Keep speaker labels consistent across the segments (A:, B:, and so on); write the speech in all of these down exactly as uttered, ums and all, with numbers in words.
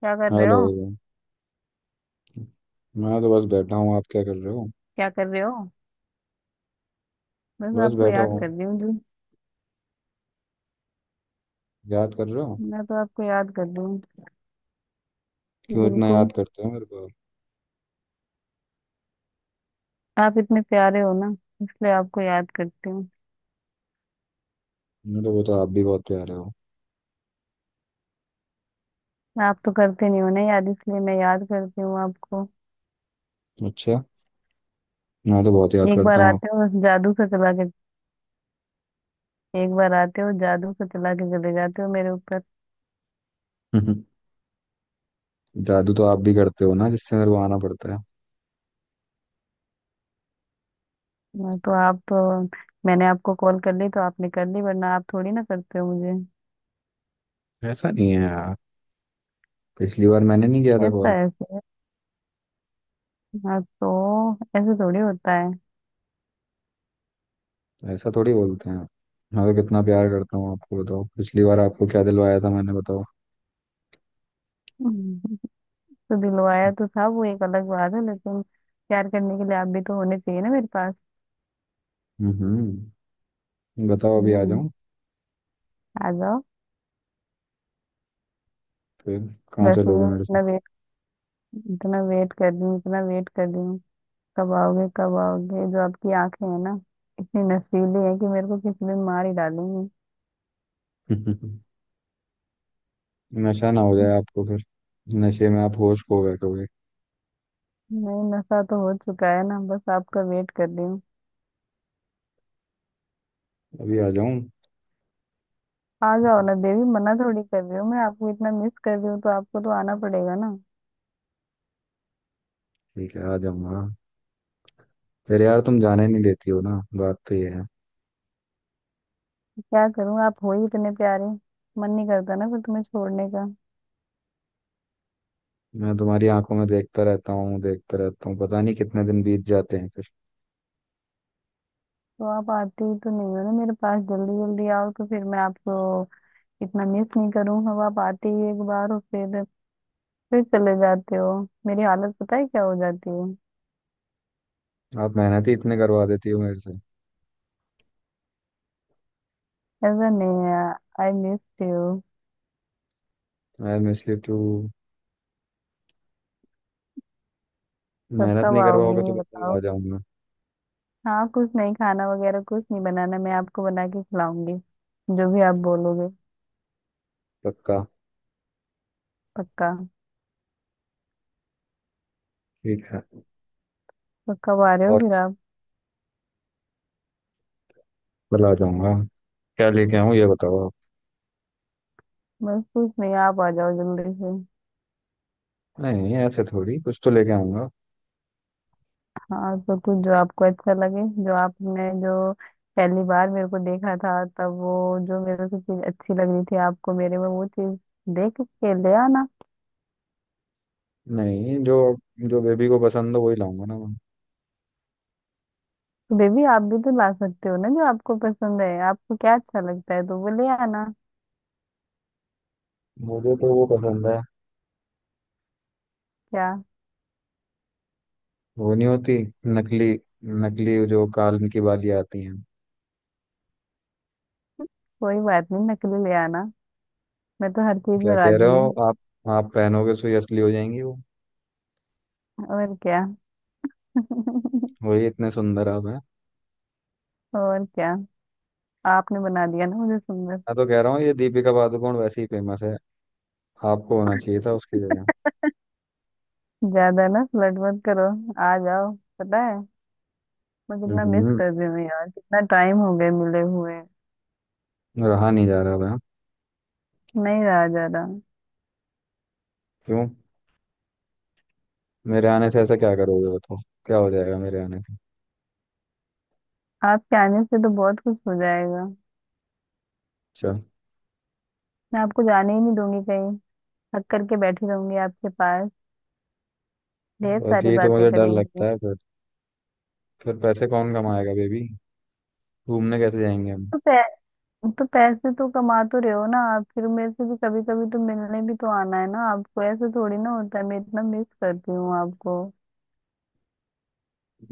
A: क्या कर रहे
B: हेलो।
A: हो?
B: मैं तो बस बैठा हूँ, आप क्या कर रहे हो?
A: क्या कर रहे हो? बस
B: बस
A: आपको
B: बैठा
A: याद
B: हूँ।
A: कर रही हूँ जी।
B: याद कर रहे हो?
A: मैं तो आपको याद कर रही हूँ।
B: क्यों इतना
A: बिल्कुल।
B: याद करते हो मेरे को?
A: आप इतने प्यारे हो ना, इसलिए आपको याद करती हूँ।
B: मैं तो वो तो आप भी बहुत प्यारे हो।
A: आप तो करते नहीं हो ना याद, इसलिए मैं याद करती हूँ आपको।
B: अच्छा। मैं तो बहुत याद
A: एक
B: करता
A: बार
B: हूँ आप।
A: आते हो बस जादू से चला के। एक बार आते हो जादू से चला के चले जाते हो मेरे ऊपर।
B: जादू तो आप भी करते हो ना, जिससे मेरे को आना पड़ता है।
A: मैं तो आप तो मैंने आपको कॉल कर ली तो आपने कर ली, वरना आप थोड़ी ना करते हो मुझे।
B: ऐसा नहीं है यार। पिछली बार मैंने नहीं किया था
A: कैसा
B: कॉल।
A: है ऐसे? हाँ तो ऐसे थोड़ी होता
B: ऐसा थोड़ी बोलते हैं। मैं तो कितना प्यार करता हूँ आपको। बताओ पिछली बार आपको क्या दिलवाया था मैंने, बताओ।
A: है। तो दिलवाया तो था वो एक अलग बात है, लेकिन प्यार करने के लिए आप भी तो होने चाहिए ना मेरे पास।
B: हम्म बताओ, अभी आ
A: हम्म।
B: जाऊँ?
A: आ जाओ।
B: फिर कहाँ
A: वैसे
B: चलोगे
A: भी
B: मेरे
A: इतना वेट इतना वेट कर रही हूँ, इतना वेट कर रही हूँ। कब आओगे? कब आओगे? जो आपकी आंखें हैं ना, इतनी नशीली है कि मेरे को किसी दिन मार ही डालेंगी।
B: से? नशा ना हो जाए आपको फिर। नशे में आप होश खो बैठोगे।
A: नहीं नशा तो हो चुका है ना, बस आपका वेट कर रही हूँ।
B: अभी आ जाऊं?
A: आ जाओ ना देवी, मना थोड़ी कर रही हूँ मैं, आपको इतना मिस कर रही हूँ तो आपको तो आना पड़ेगा ना।
B: ठीक है, आ जाऊंगा। फिर यार तुम जाने नहीं देती हो ना। बात तो ये है।
A: क्या करूँ, आप हो ही इतने प्यारे। मन नहीं करता ना फिर तुम्हें छोड़ने का।
B: मैं तुम्हारी आंखों में देखता रहता हूँ, देखता रहता हूँ, पता नहीं कितने दिन बीत जाते हैं फिर।
A: तो आप आते ही तो नहीं हो ना मेरे पास, जल्दी जल्दी आओ तो फिर मैं आपको इतना मिस नहीं करूँ। अब आप आते ही एक बार और फिर फिर चले जाते हो। मेरी हालत पता है क्या हो जाती है।
B: आप मेहनत ही इतने करवा देती हो मेरे से।
A: ऐसा नहीं है। I miss you.
B: I miss you too.
A: कब
B: मेहनत
A: कब
B: नहीं
A: आओगे
B: करवाओगे तो
A: ये
B: बताओ, आ
A: बताओ।
B: जाऊंगा।
A: हाँ कुछ नहीं, खाना वगैरह कुछ नहीं बनाना, मैं आपको बना के खिलाऊंगी जो भी आप बोलोगे।
B: पक्का।
A: पक्का।
B: ठीक है।
A: तो कब आ रहे हो
B: और
A: फिर आप?
B: कल आ जाऊंगा। क्या लेके आऊँ ये बताओ आप।
A: बस कुछ नहीं, आप आ जाओ जल्दी से।
B: नहीं, ऐसे थोड़ी, कुछ तो लेके आऊंगा।
A: हाँ तो कुछ जो आपको अच्छा लगे, जो आपने जो पहली बार मेरे को देखा था तब वो जो मेरे को चीज अच्छी लग रही थी आपको मेरे में, वो चीज देख के ले आना।
B: नहीं, जो जो बेबी को पसंद हो वही लाऊंगा ना मैं।
A: तो बेबी आप भी तो ला सकते हो ना, जो आपको पसंद है, आपको क्या अच्छा लगता है तो वो ले आना।
B: मुझे तो वो पसंद है।
A: क्या?
B: वो नहीं होती, नकली। नकली जो कान की बालियां आती हैं।
A: कोई बात नहीं, नकली ले आना। मैं तो हर चीज
B: क्या
A: में
B: कह
A: राजी
B: रहे
A: हूँ।
B: हो आप? आप पहनोगे तो ये असली हो जाएंगी वो।
A: और क्या।
B: वही, इतने सुंदर आप हैं।
A: और क्या, आपने बना दिया ना मुझे सुंदर।
B: मैं तो कह रहा हूँ, ये दीपिका पादुकोण वैसे ही फेमस है। आपको होना चाहिए था उसकी जगह।
A: ज्यादा ना फ्लर्ट मत करो। आ जाओ। पता है मैं कितना मिस
B: हम्म।
A: कर रही हूँ यार, कितना टाइम हो गया मिले हुए।
B: रहा नहीं जा रहा मैं।
A: नहीं रहा जा रहा।
B: क्यों? मेरे आने से ऐसा क्या करोगे बताओ? क्या हो जाएगा मेरे आने से?
A: आपके आने से तो बहुत कुछ हो जाएगा।
B: अच्छा।
A: मैं आपको जाने ही नहीं दूंगी कहीं। थक करके बैठी रहूंगी आपके पास। ढेर
B: बस
A: सारी
B: यही तो
A: बातें
B: मुझे डर लगता
A: करेंगी।
B: है फिर। फिर पैसे कौन कमाएगा बेबी? घूमने कैसे जाएंगे हम?
A: तो पै, तो पैसे तो कमा तो रहे हो ना आप, फिर मेरे से भी कभी कभी तो मिलने भी तो आना है ना आपको, ऐसे थोड़ी ना होता है, मैं इतना मिस करती हूँ आपको।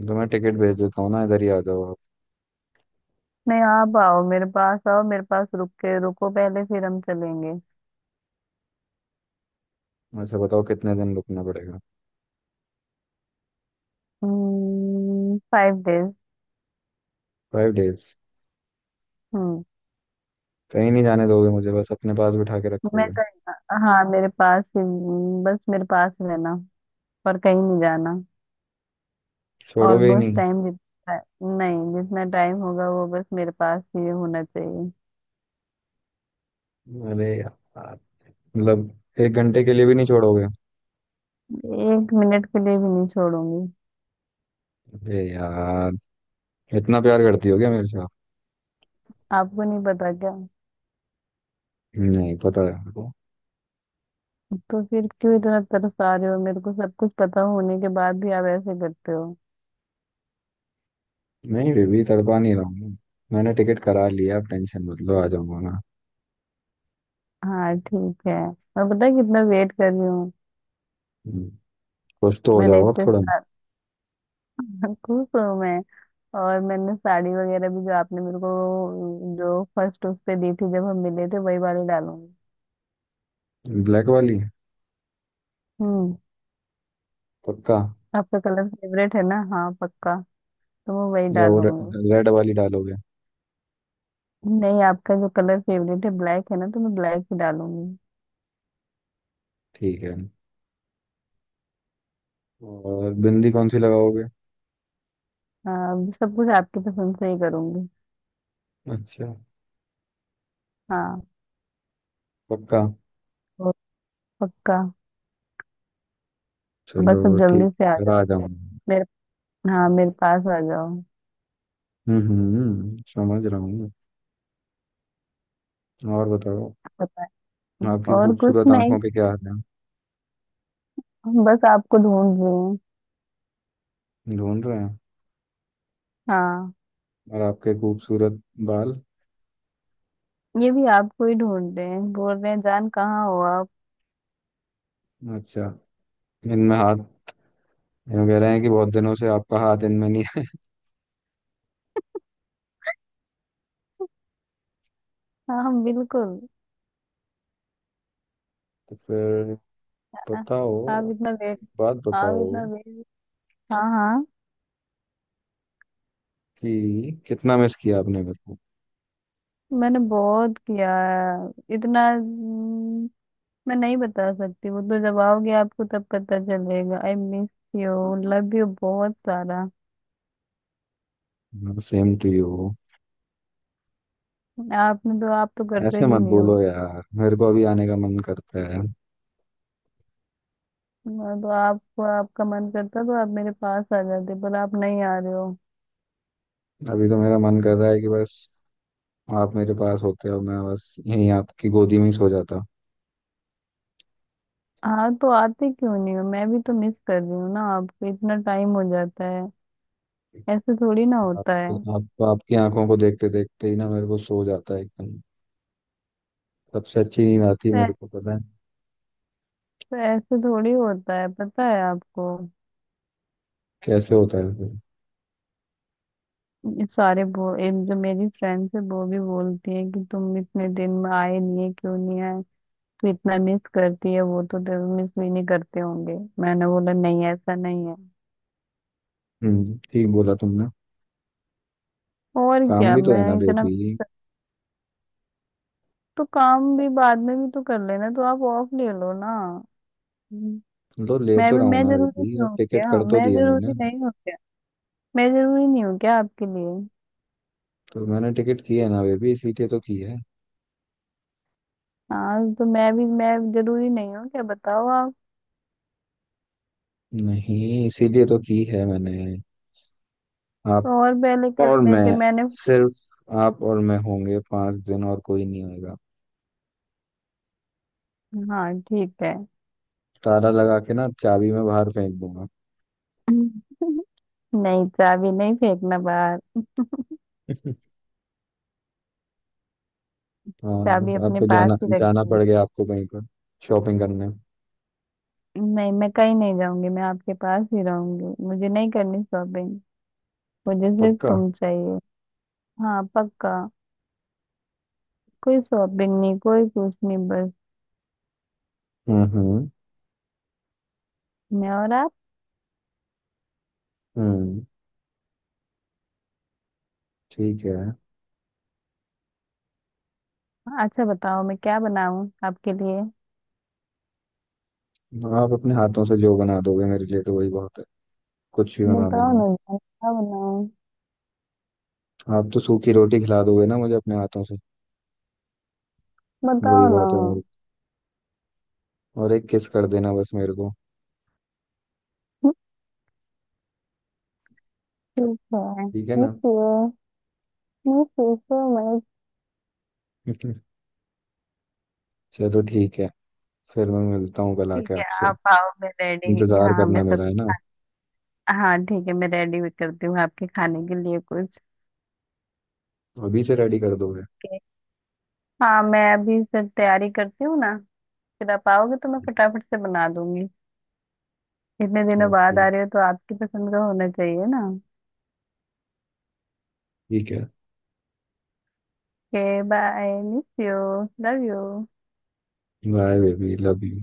B: तो मैं टिकट भेज देता हूँ ना, इधर ही आ जाओ आप।
A: नहीं आप आओ मेरे पास, आओ मेरे पास, रुक के रुको पहले फिर हम चलेंगे।
B: वैसे बताओ कितने दिन रुकना पड़ेगा?
A: Five days. Hmm. five days।
B: Five days?
A: हम्म।
B: कहीं नहीं जाने दोगे मुझे, बस अपने पास बिठा के
A: मैं
B: रखोगे?
A: कहीं हाँ मेरे पास ही, बस मेरे पास रहना, पर कहीं नहीं जाना।
B: छोड़ोगे ही
A: ऑलमोस्ट
B: नहीं?
A: टाइम जितना नहीं जितना टाइम होगा वो बस मेरे पास ही होना चाहिए।
B: अरे यार, मतलब एक घंटे के लिए भी नहीं छोड़ोगे?
A: एक मिनट के लिए भी नहीं छोड़ूंगी।
B: अरे यार, इतना प्यार करती हो क्या मेरे से आप?
A: आपको नहीं पता क्या।
B: नहीं पता है आपको?
A: तो फिर क्यों इतना तरसा रहे हो मेरे को, सब कुछ पता होने के बाद भी आप ऐसे करते हो।
B: नहीं बेबी, तड़पा नहीं रहा हूँ। मैंने टिकट करा लिया, आप टेंशन मत लो, आ जाऊंगा ना।
A: हाँ ठीक है, मैं पता है कितना वेट कर रही हूँ।
B: हम्म, कुछ तो हो
A: मैंने
B: जाओ आप
A: इतने
B: थोड़ा।
A: खुश हूँ मैं। और मैंने साड़ी वगैरह भी जो आपने मेरे को जो फर्स्ट उस पे दी थी जब हम मिले थे, वही वाली डालूंगी।
B: ब्लैक वाली?
A: हम्म।
B: पक्का?
A: आपका कलर फेवरेट है ना, हाँ पक्का, तो मैं वही
B: या वो
A: डालूंगी।
B: रेड वाली डालोगे?
A: नहीं आपका जो कलर फेवरेट है ब्लैक है ना, तो मैं ब्लैक ही डालूंगी।
B: ठीक है। और बिंदी कौन सी लगाओगे?
A: हाँ अभी सब कुछ आपकी पसंद से ही करूंगी।
B: अच्छा।
A: हाँ।
B: पक्का।
A: तो पक्का।
B: चलो
A: बस अब जल्दी
B: ठीक
A: से
B: है,
A: आ
B: फिर आ
A: जाओ
B: जाऊंगा।
A: मेरे, हाँ मेरे पास आ जाओ।
B: हम्म, हम्म, समझ रहा हूँ। और बताओ,
A: पता नहीं,
B: आपकी
A: और कुछ
B: खूबसूरत आंखों
A: नहीं,
B: पे क्या हाल है?
A: बस आपको ढूंढ रही हूँ।
B: ढूंढ रहे हैं?
A: हाँ।
B: और आपके खूबसूरत बाल?
A: ये भी आपको ही ढूंढ रहे हैं, बोल रहे हैं जान कहाँ हो आप।
B: अच्छा। इनमें हाथ, ये कह रहे हैं कि बहुत दिनों से आपका हाथ इनमें नहीं है।
A: हाँ हम बिल्कुल।
B: तो फिर
A: आ-
B: बताओ,
A: आप इतना वेट
B: बात
A: आप
B: बताओ
A: इतना वेट। हाँ हाँ।
B: कि कितना मिस किया आपने मेरे
A: मैंने बहुत किया है। इतना हम्म, मैं नहीं बता सकती, वो तो जब आओगे आपको तब पता चलेगा। I miss you. Love you बहुत सारा।
B: को? Same to you.
A: आपने तो, आप तो करते
B: ऐसे
A: भी
B: मत
A: नहीं हो।
B: बोलो यार, मेरे को अभी आने का मन करता है।
A: मैं तो आपको, आपका मन करता तो आप मेरे पास आ जाते पर आप नहीं आ रहे हो।
B: अभी तो मेरा मन कर रहा है कि बस आप मेरे पास होते हो, मैं बस यहीं आपकी गोदी में ही सो जाता।
A: हाँ तो आते क्यों नहीं हो, मैं भी तो मिस कर रही हूँ ना आपको, इतना टाइम हो जाता है, ऐसे थोड़ी ना
B: आप,
A: होता है।
B: आप आपकी आंखों को देखते देखते ही ना मेरे को सो जाता है एकदम। सबसे अच्छी नींद आती है मेरे
A: ऐसे
B: को, पता है?
A: ऐसे थोड़ी होता है पता है आपको।
B: कैसे होता है फिर?
A: ये सारे बो ये जो मेरी फ्रेंड्स है वो भी बोलती है कि तुम इतने दिन में आए नहीं है क्यों नहीं आए, तू इतना मिस करती है वो तो तेरे मिस भी नहीं करते होंगे। मैंने बोला नहीं ऐसा नहीं है।
B: हम्म ठीक बोला तुमने।
A: और
B: काम
A: क्या,
B: भी तो
A: मैं
B: है ना
A: इतना
B: बेबी।
A: तो काम भी बाद में भी तो कर लेना, तो आप ऑफ ले लो ना। हम्म।
B: तो ले
A: मैं
B: तो
A: भी
B: रहा हूँ
A: मैं
B: ना
A: जरूरी
B: बेबी,
A: नहीं
B: अब
A: हूँ
B: टिकट
A: क्या,
B: कर तो
A: मैं
B: दिया
A: जरूरी
B: मैंने।
A: नहीं हूँ क्या, मैं जरूरी नहीं हूँ क्या आपके लिए।
B: तो मैंने टिकट की है ना बेबी, इसीलिए तो की है।
A: हाँ तो मैं भी मैं जरूरी नहीं हूँ क्या बताओ आप।
B: नहीं, इसीलिए तो की है मैंने। आप
A: और पहले कर
B: और
A: लेते
B: मैं,
A: मैंने।
B: सिर्फ आप और मैं होंगे पांच दिन, और कोई नहीं होगा।
A: हाँ ठीक है।
B: ताला लगा के ना चाबी में बाहर फेंक दूंगा।
A: नहीं चाबी नहीं फेंकना बाहर,
B: हाँ,
A: चाबी
B: तो
A: अपने
B: आपको
A: पास
B: जाना
A: ही
B: जाना
A: रखेंगे।
B: पड़ गया आपको कहीं पर, शॉपिंग करने?
A: नहीं मैं कहीं नहीं जाऊंगी, मैं आपके पास ही रहूंगी, मुझे नहीं करनी शॉपिंग, मुझे सिर्फ
B: पक्का।
A: तुम चाहिए। हाँ पक्का। कोई शॉपिंग नहीं, कोई कुछ नहीं, बस
B: हम्म, हम्म,
A: मैं और आप।
B: हम्म, ठीक है।
A: अच्छा बताओ मैं क्या बनाऊं आपके लिए,
B: आप अपने हाथों से जो बना दोगे मेरे लिए, तो वही बहुत है। कुछ भी बना
A: बताओ
B: देना।
A: ना जान, क्या बनाऊं,
B: आप तो सूखी रोटी खिला दोगे ना मुझे अपने हाथों से, वही
A: बताओ ना।
B: बहुत है मेरे लिए। और एक किस कर देना बस मेरे को।
A: ठीक है
B: ठीक है ना?
A: ठीक है। मैं सोचो मैं
B: चलो ठीक है। फिर मैं मिलता हूँ कल
A: ठीक
B: आके
A: है
B: आपसे।
A: आप आओ, मैं रेडी,
B: इंतजार
A: हाँ
B: करना
A: मैं
B: मेरा,
A: सब,
B: है ना?
A: हाँ ठीक है, मैं रेडी भी करती हूँ आपके खाने के लिए कुछ।
B: अभी से रेडी कर दोगे?
A: के हाँ मैं अभी सब तैयारी करती हूँ ना, फिर आप आओगे तो मैं फटाफट से बना दूंगी, इतने दिनों
B: ओके,
A: बाद आ रहे हो तो आपकी पसंद का होना चाहिए ना।
B: ठीक है।
A: Okay, bye, miss you, love you.
B: Bye baby, love you.